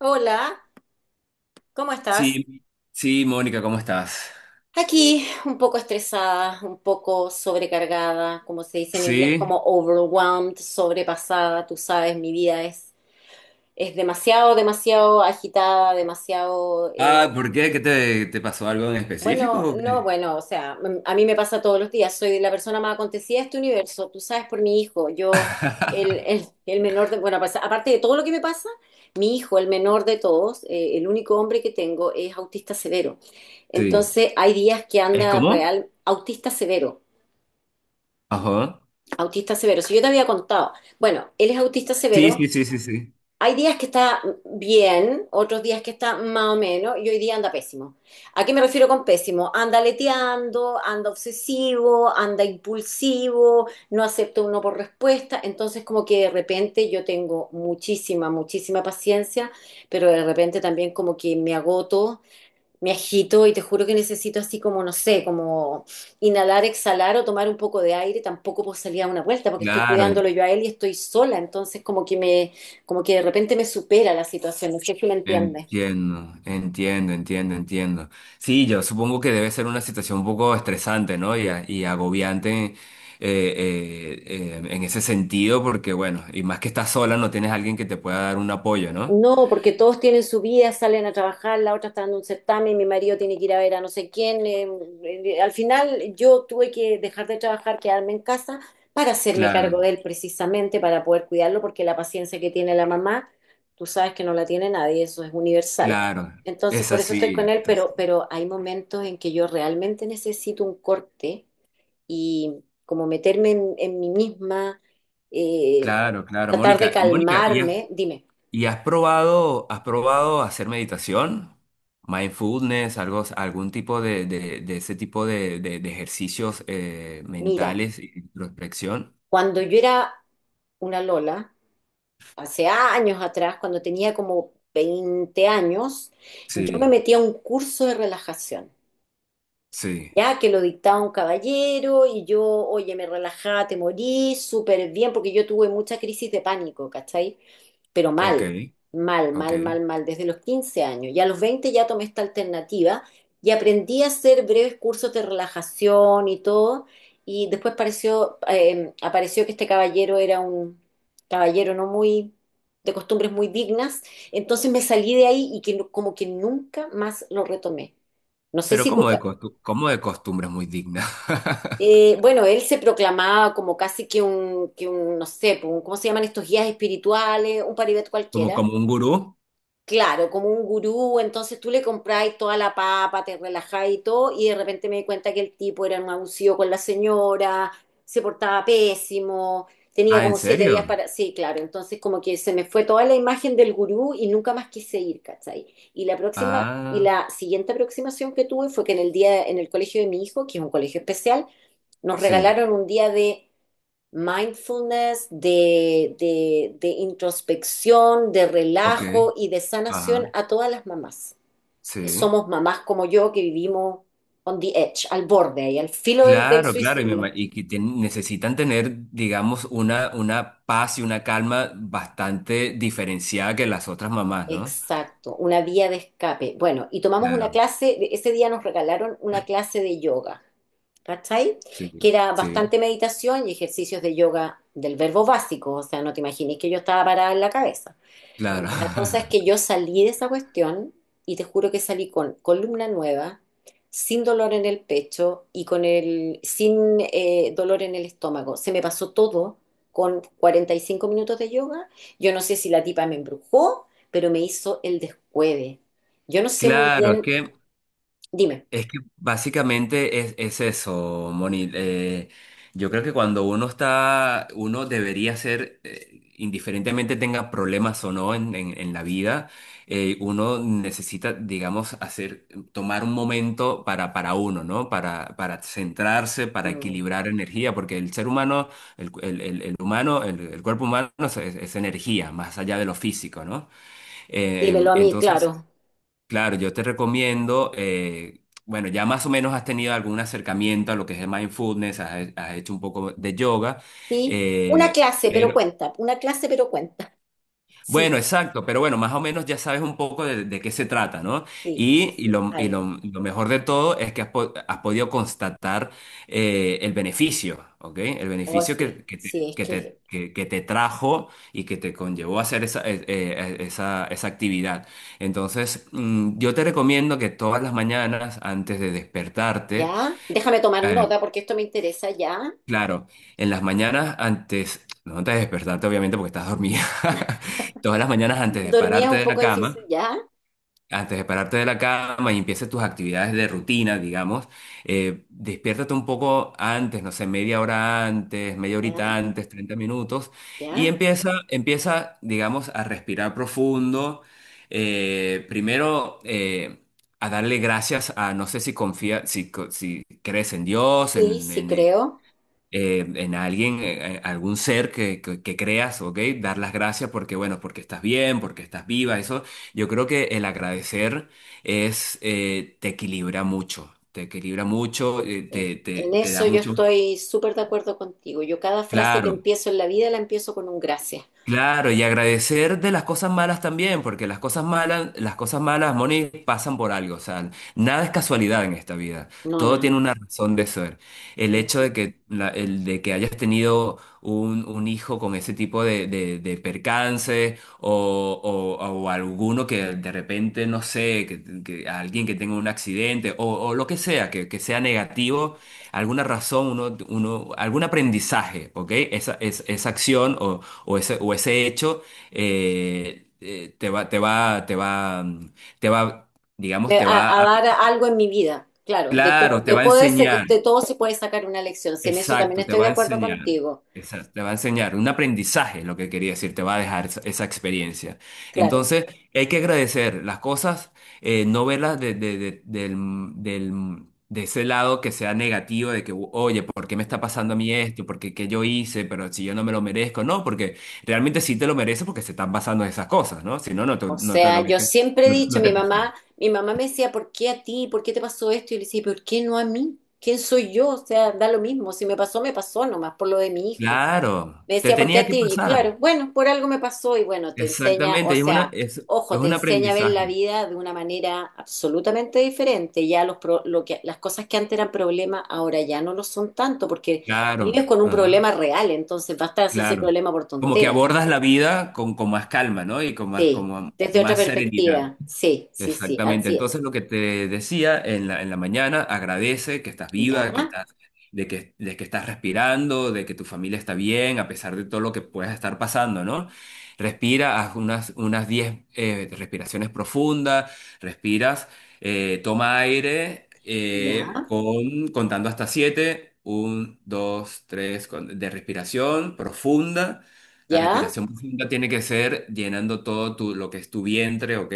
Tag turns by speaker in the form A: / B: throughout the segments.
A: Hola, ¿cómo estás?
B: Sí, sí, Mónica, ¿cómo estás?
A: Aquí un poco estresada, un poco sobrecargada, como se dice en inglés,
B: Sí.
A: como overwhelmed, sobrepasada. Tú sabes, mi vida es demasiado, demasiado agitada, demasiado
B: Ah, ¿por qué? ¿Qué te pasó algo en específico,
A: bueno,
B: o
A: no,
B: qué?
A: bueno, o sea, a mí me pasa todos los días, soy la persona más acontecida de este universo, tú sabes por mi hijo, yo, el, el, el menor de, bueno, pues, aparte de todo lo que me pasa, mi hijo, el menor de todos, el único hombre que tengo es autista severo.
B: Sí.
A: Entonces, hay días que
B: ¿Es
A: anda
B: como?
A: real,
B: Ajá.
A: autista severo, si yo te había contado, bueno, él es autista
B: Sí,
A: severo,
B: sí, sí, sí, sí.
A: hay días que está bien, otros días que está más o menos, y hoy día anda pésimo. ¿A qué me refiero con pésimo? Anda leteando, anda obsesivo, anda impulsivo, no acepta uno por respuesta. Entonces, como que de repente yo tengo muchísima, muchísima paciencia, pero de repente también como que me agoto, me agito y te juro que necesito así como, no sé, como inhalar, exhalar o tomar un poco de aire. Tampoco puedo salir a una vuelta porque estoy
B: Claro, en-
A: cuidándolo yo a él y estoy sola. Entonces como que me, como que de repente me supera la situación. No sé si me entiendes.
B: Entiendo, entiendo, entiendo, entiendo. Sí, yo supongo que debe ser una situación un poco estresante, ¿no? Y y agobiante en ese sentido, porque bueno, y más que estás sola, no tienes alguien que te pueda dar un apoyo, ¿no?
A: No, porque todos tienen su vida, salen a trabajar, la otra está dando un certamen, mi marido tiene que ir a ver a no sé quién. Al final yo tuve que dejar de trabajar, quedarme en casa para hacerme cargo de
B: Claro,
A: él precisamente, para poder cuidarlo, porque la paciencia que tiene la mamá, tú sabes que no la tiene nadie, eso es universal.
B: claro.
A: Entonces,
B: Es
A: por eso estoy con
B: así.
A: él, pero hay momentos en que yo realmente necesito un corte y como meterme en mí misma, eh,
B: Claro, claro,
A: tratar de
B: Mónica. Y Mónica,
A: calmarme. Dime,
B: ¿y has probado hacer meditación? Mindfulness, algo, algún tipo de, de ese tipo de, de ejercicios
A: mira.
B: mentales y introspección.
A: Cuando yo era una Lola, hace años atrás, cuando tenía como 20 años, yo me
B: Sí,
A: metí a un curso de relajación
B: sí,
A: ya que lo dictaba un caballero y yo, oye, me relajaba, te morí, súper bien, porque yo tuve mucha crisis de pánico, ¿cachai? Pero
B: ok,
A: mal, mal,
B: ok.
A: mal, mal, mal, desde los 15 años. Y a los 20 ya tomé esta alternativa y aprendí a hacer breves cursos de relajación y todo. Y después pareció, apareció que este caballero era un caballero no muy, de costumbres muy dignas. Entonces me salí de ahí y que, como que nunca más lo retomé. No sé
B: Pero
A: si
B: como
A: tú,
B: como de costumbre muy digna.
A: bueno, él se proclamaba como casi que un, no sé, pues, ¿cómo se llaman estos guías espirituales? Un paribet
B: Como,
A: cualquiera.
B: como un gurú.
A: Claro, como un gurú, entonces tú le compráis toda la papa, te relajáis y todo, y de repente me di cuenta que el tipo era un abusivo con la señora, se portaba pésimo, tenía
B: Ah, ¿en
A: como 7 días
B: serio?
A: para... Sí, claro, entonces como que se me fue toda la imagen del gurú y nunca más quise ir, ¿cachai? Y la próxima, y
B: Ah,
A: la siguiente aproximación que tuve fue que en el día, en el colegio de mi hijo, que es un colegio especial, nos
B: sí,
A: regalaron un día de mindfulness, de introspección, de
B: ok,
A: relajo y de sanación
B: ajá,
A: a todas las mamás.
B: sí.
A: Somos mamás como yo que vivimos on the edge, al borde ahí, al filo del, del
B: Claro, claro, y
A: suicidio.
B: necesitan tener, digamos, una paz y una calma bastante diferenciada que las otras mamás, ¿no?
A: Exacto, una vía de escape. Bueno, y tomamos una
B: Claro,
A: clase, ese día nos regalaron una clase de yoga, ¿cachai?
B: sí,
A: Que era
B: sí,
A: bastante meditación y ejercicios de yoga del verbo básico, o sea, no te imagines que yo estaba parada en la cabeza.
B: claro.
A: Bueno, la cosa es que yo salí de esa cuestión y te juro que salí con columna nueva, sin dolor en el pecho y con el, sin dolor en el estómago. Se me pasó todo con 45 minutos de yoga. Yo no sé si la tipa me embrujó, pero me hizo el descueve. Yo no sé muy
B: Claro,
A: bien, dime.
B: es que básicamente es eso, Moni. Yo creo que cuando uno está, uno debería ser, indiferentemente tenga problemas o no en, en la vida, uno necesita, digamos, hacer, tomar un momento para uno, ¿no? Para centrarse, para
A: Mm.
B: equilibrar energía, porque el ser humano, el, el humano, el cuerpo humano es energía, más allá de lo físico, ¿no? Eh,
A: Dímelo a mí,
B: entonces,
A: claro.
B: Claro, yo te recomiendo, bueno, ya más o menos has tenido algún acercamiento a lo que es el mindfulness, has hecho un poco de yoga.
A: Sí, una
B: eh,
A: clase, pero cuenta, una clase, pero cuenta. Sí,
B: bueno, exacto, pero bueno, más o menos ya sabes un poco de qué se trata, ¿no?
A: sí, sí,
B: Y,
A: sí, algo.
B: lo mejor de todo es que has podido constatar el beneficio, ¿ok? El
A: Oh,
B: beneficio
A: sí,
B: que,
A: sí, es que
B: que te trajo y que te conllevó a hacer esa, esa actividad. Entonces, yo te recomiendo que todas las mañanas, antes de
A: ya.
B: despertarte,
A: Déjame tomar
B: eh,
A: nota porque esto me interesa, ya.
B: claro, en las mañanas antes, no antes de despertarte obviamente porque estás dormida, todas las mañanas antes de
A: Dormía
B: pararte
A: un
B: de la
A: poco difícil,
B: cama,
A: ya.
B: antes de pararte de la cama y empieces tus actividades de rutina, digamos. Despiértate un poco antes, no sé, media hora antes, media
A: Ya,
B: horita antes, 30 minutos, y
A: ya.
B: empieza, digamos, a respirar profundo. Primero, a darle gracias a, no sé si confía, si crees en Dios,
A: Sí,
B: en,
A: sí creo.
B: en alguien, algún ser que, que creas, ¿ok? Dar las gracias porque, bueno, porque estás bien, porque estás viva, eso. Yo creo que el agradecer es, te equilibra mucho, te equilibra mucho,
A: Sí. En
B: te da
A: eso yo
B: mucho,
A: estoy súper de acuerdo contigo. Yo cada frase que
B: claro.
A: empiezo en la vida la empiezo con un gracias.
B: Claro, y agradecer de las cosas malas también, porque las cosas malas, Moni, pasan por algo, o sea, nada es casualidad en esta vida,
A: No,
B: todo
A: nada.
B: tiene una razón de ser. El hecho de
A: Ujú.
B: que, el de que hayas tenido un hijo con ese tipo de, de percances o, o alguno que de repente, no sé, que alguien que tenga un accidente o lo que sea negativo alguna razón, algún aprendizaje, ¿ok? Esa, esa acción o ese hecho. Eh, te va, te va, te va, mm, te va, Digamos,
A: De- A, a dar algo en mi vida. Claro, de todo,
B: claro, te
A: de,
B: va a enseñar.
A: de todo se puede sacar una lección. Si en eso también
B: Exacto, te
A: estoy
B: va
A: de
B: a
A: acuerdo
B: enseñar.
A: contigo.
B: Exacto, te va a enseñar un aprendizaje, lo que quería decir, te va a dejar esa, esa experiencia.
A: Claro.
B: Entonces, hay que agradecer las cosas, no verlas de, de ese lado que sea negativo, de que, oye, ¿por qué me está pasando a mí esto? ¿Por qué, qué yo hice? Pero si yo no me lo merezco. No, porque realmente sí te lo mereces porque se están pasando esas cosas, ¿no? Si no,
A: O sea, yo siempre he
B: no,
A: dicho,
B: no te pasa.
A: mi mamá me decía, ¿por qué a ti? ¿Por qué te pasó esto? Y yo le decía, ¿por qué no a mí? ¿Quién soy yo? O sea, da lo mismo. Si me pasó, me pasó nomás por lo de mi hijo.
B: Claro,
A: Me
B: te
A: decía, ¿por qué
B: tenía
A: a
B: que
A: ti? Y claro,
B: pasar.
A: bueno, por algo me pasó y bueno, te enseña, o
B: Exactamente, es una,
A: sea, ojo,
B: es
A: te
B: un
A: enseña a ver la
B: aprendizaje.
A: vida de una manera absolutamente diferente. Ya lo que, las cosas que antes eran problemas, ahora ya no lo son tanto porque vives
B: Claro,
A: con un
B: ajá,
A: problema real, entonces basta de hacerse
B: claro.
A: problema por
B: Como que
A: tonteras.
B: abordas la vida con más calma, ¿no? Y con más,
A: Sí,
B: como
A: desde otra
B: más serenidad.
A: perspectiva. Sí, sí, sí,
B: Exactamente.
A: así
B: Entonces,
A: es.
B: lo que te decía en la mañana, agradece que estás
A: Ya,
B: viva, que estás, de que estás respirando, de que tu familia está bien, a pesar de todo lo que puedas estar pasando, ¿no? Respira, haz unas 10 respiraciones profundas, respiras, toma aire
A: ya,
B: con, contando hasta 7, 1, 2, 3, de respiración profunda. La
A: ya.
B: respiración profunda tiene que ser llenando todo tu, lo que es tu vientre, ¿ok?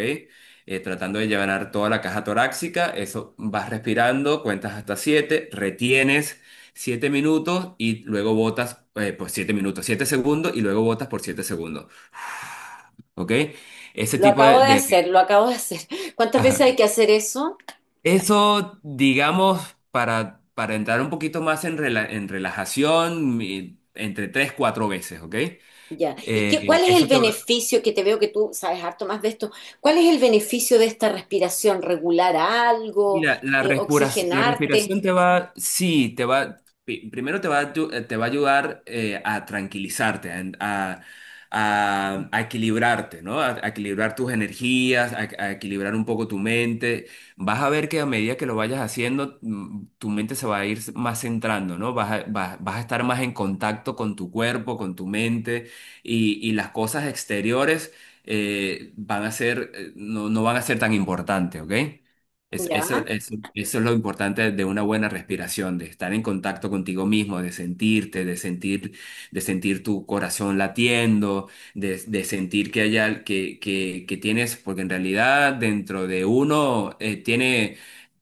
B: Tratando de llevar toda la caja torácica. Eso vas respirando, cuentas hasta 7, retienes 7 minutos y luego botas, pues 7 minutos, 7 segundos y luego botas por 7 segundos. ¿Ok? Ese
A: Lo
B: tipo
A: acabo
B: de,
A: de hacer, lo acabo de hacer. ¿Cuántas veces
B: ajá.
A: hay que hacer eso?
B: Eso, digamos, para entrar un poquito más en, relajación, entre 3 4 veces, ¿ok?
A: Ya. ¿Y qué,
B: Eh,
A: cuál es el
B: eso te va-
A: beneficio que te veo que tú sabes harto más de esto? ¿Cuál es el beneficio de esta respiración? ¿Regular algo?
B: Mira, la
A: ¿Oxigenarte?
B: respiración te va, sí, te va, primero te va te va a ayudar a tranquilizarte, a, a equilibrarte, ¿no? A equilibrar tus energías, a equilibrar un poco tu mente. Vas a ver que a medida que lo vayas haciendo, tu mente se va a ir más centrando, ¿no? Vas a, vas, vas a estar más en contacto con tu cuerpo, con tu mente y las cosas exteriores van a ser, no, no van a ser tan importantes, ¿ok?
A: Ya,
B: Eso es lo importante de una buena respiración, de estar en contacto contigo mismo, de sentirte, de sentir tu corazón latiendo, de sentir que hay que, que tienes, porque en realidad dentro de uno tiene,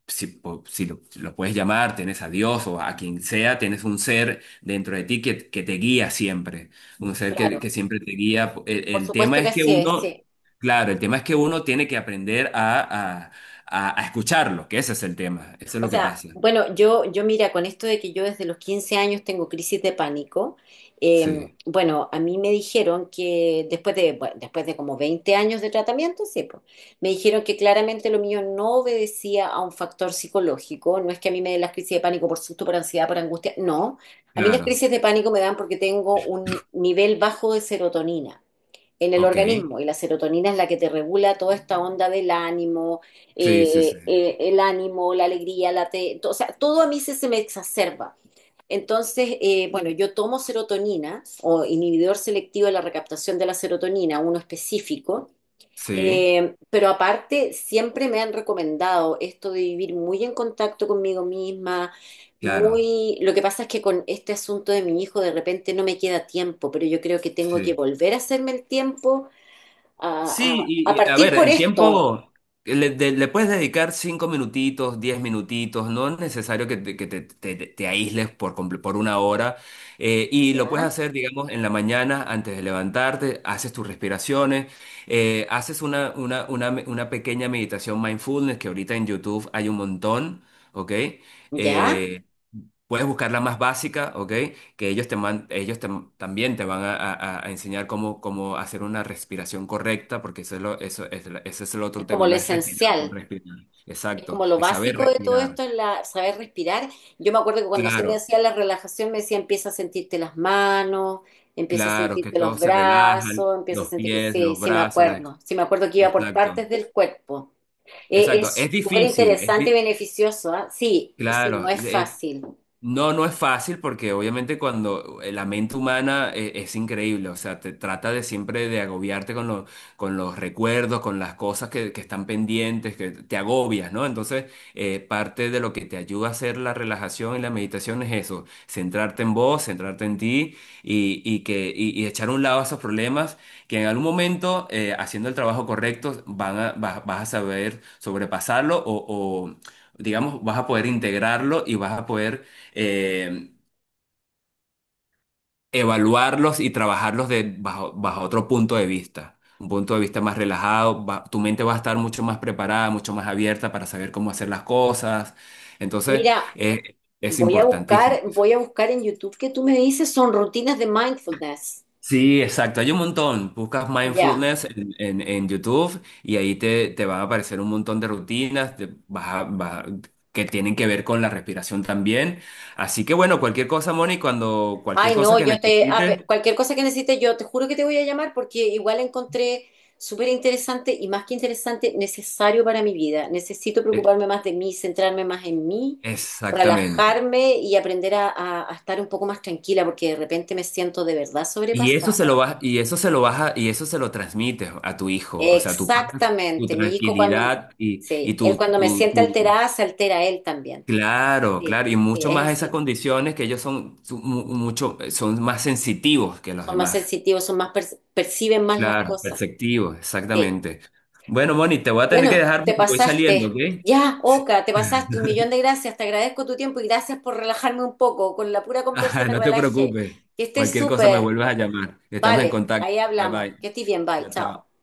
B: si, si lo, si lo puedes llamar, tienes a Dios o a quien sea, tienes un ser dentro de ti que te guía siempre, un ser que
A: claro.
B: siempre te guía. el
A: Por
B: el tema
A: supuesto que
B: es que
A: así es,
B: uno...
A: sí.
B: Claro, el tema es que uno tiene que aprender a, a escucharlo, que ese es el tema, eso es
A: O
B: lo que
A: sea,
B: pasa.
A: bueno, yo mira, con esto de que yo desde los 15 años tengo crisis de pánico, eh,
B: Sí,
A: bueno, a mí me dijeron que después de, bueno, después de como 20 años de tratamiento, sí, pues, me dijeron que claramente lo mío no obedecía a un factor psicológico, no es que a mí me den las crisis de pánico por susto, por ansiedad, por angustia, no, a mí las
B: claro,
A: crisis de pánico me dan porque tengo un nivel bajo de serotonina en el
B: ok.
A: organismo y la serotonina es la que te regula toda esta onda del ánimo,
B: Sí, sí, sí,
A: el ánimo, la alegría, o sea, todo a mí se me exacerba. Entonces, bueno, yo tomo serotonina o inhibidor selectivo de la recaptación de la serotonina, uno específico,
B: sí,
A: pero aparte siempre me han recomendado esto de vivir muy en contacto conmigo misma,
B: claro,
A: muy... Lo que pasa es que con este asunto de mi hijo de repente no me queda tiempo, pero yo creo que tengo que
B: sí.
A: volver a hacerme el tiempo a,
B: Sí,
A: a
B: y, a
A: partir
B: ver,
A: por
B: el
A: esto,
B: tiempo le puedes dedicar cinco minutitos, diez minutitos, no es necesario que te, te aísles por, por una hora. Y lo puedes
A: ¿ya?
B: hacer, digamos, en la mañana antes de levantarte, haces tus respiraciones, haces una, una pequeña meditación mindfulness que ahorita en YouTube hay un montón, ¿ok?
A: ¿Ya?
B: Eh, Puedes buscar la más básica, ¿ok? Que ellos, ellos te- también te van a, a enseñar cómo, cómo hacer una respiración correcta, porque eso es lo- eso es la- ese es el
A: Es
B: otro
A: como
B: tema,
A: lo
B: no es respirar por
A: esencial,
B: respirar.
A: es
B: Exacto,
A: como lo
B: es saber
A: básico de todo
B: respirar.
A: esto, es la, saber respirar. Yo me acuerdo que cuando sí me
B: Claro,
A: decía la relajación, me decía empieza a sentirte las manos, empieza a
B: claro, que
A: sentirte los
B: todos se relajan,
A: brazos, empieza a
B: los
A: sentir que
B: pies,
A: sí,
B: los brazos, las...
A: sí me acuerdo que iba por
B: Exacto,
A: partes del cuerpo.
B: exacto.
A: Es
B: Es
A: súper
B: difícil,
A: interesante y beneficioso, ¿ah? Sí, sí, no
B: claro.
A: es fácil.
B: No, no es fácil porque obviamente cuando la mente humana es, increíble, o sea, te trata de siempre de agobiarte con los recuerdos, con las cosas que están pendientes, que te agobias, ¿no? Entonces, parte de lo que te ayuda a hacer la relajación y la meditación es eso, centrarte en vos, centrarte en ti y que, y echar a un lado esos problemas que en algún momento, haciendo el trabajo correcto, van a, vas, vas a saber sobrepasarlo o, digamos, vas a poder integrarlo y vas a poder eh, evaluarlos y trabajarlos de, bajo, bajo otro punto de vista, un punto de vista más relajado. Tu mente va a estar mucho más preparada, mucho más abierta para saber cómo hacer las cosas. Entonces,
A: Mira,
B: es importantísimo.
A: voy a buscar en YouTube que tú me dices son rutinas de mindfulness.
B: Sí, exacto, hay un montón. Buscas
A: Ya.
B: mindfulness en, en YouTube y ahí te, te van a aparecer un montón de rutinas te vas a- vas a- que tienen que ver con la respiración también. Así que bueno, cualquier cosa, Moni, cuando cualquier
A: Ay,
B: cosa
A: no,
B: que
A: yo te,
B: necesites,
A: cualquier cosa que necesites, yo te juro que te voy a llamar porque igual encontré súper interesante y más que interesante, necesario para mi vida. Necesito
B: eh,
A: preocuparme más de mí, centrarme más en mí,
B: exactamente.
A: relajarme y aprender a, a estar un poco más tranquila porque de repente me siento de verdad
B: Y eso
A: sobrepasada.
B: se lo vas, y eso se lo transmites a tu hijo. O sea, tu paz, tu
A: Exactamente, mi hijo cuando,
B: tranquilidad y
A: sí, él
B: tu,
A: cuando me siente alterada, se altera él también.
B: claro,
A: Sí,
B: claro. Y
A: sí,
B: mucho
A: es
B: más esas
A: así.
B: condiciones que ellos son mucho, son más sensitivos que los
A: Son más
B: demás.
A: sensitivos, son más, perciben más las
B: Claro,
A: cosas.
B: perceptivos,
A: Sí.
B: exactamente. Bueno, Moni, te voy a tener que
A: Bueno,
B: dejar
A: te
B: porque voy saliendo, ¿ok?
A: pasaste. Ya,
B: Sí.
A: Oka, te pasaste. Un millón de gracias. Te agradezco tu tiempo y gracias por relajarme un poco. Con la pura conversa
B: Ajá,
A: me
B: no te
A: relajé.
B: preocupes.
A: Que estés
B: Cualquier cosa me
A: súper.
B: vuelves a llamar. Estamos en
A: Vale,
B: contacto.
A: ahí
B: Bye
A: hablamos.
B: bye.
A: Que estés bien. Bye.
B: Chao, chao.
A: Chao.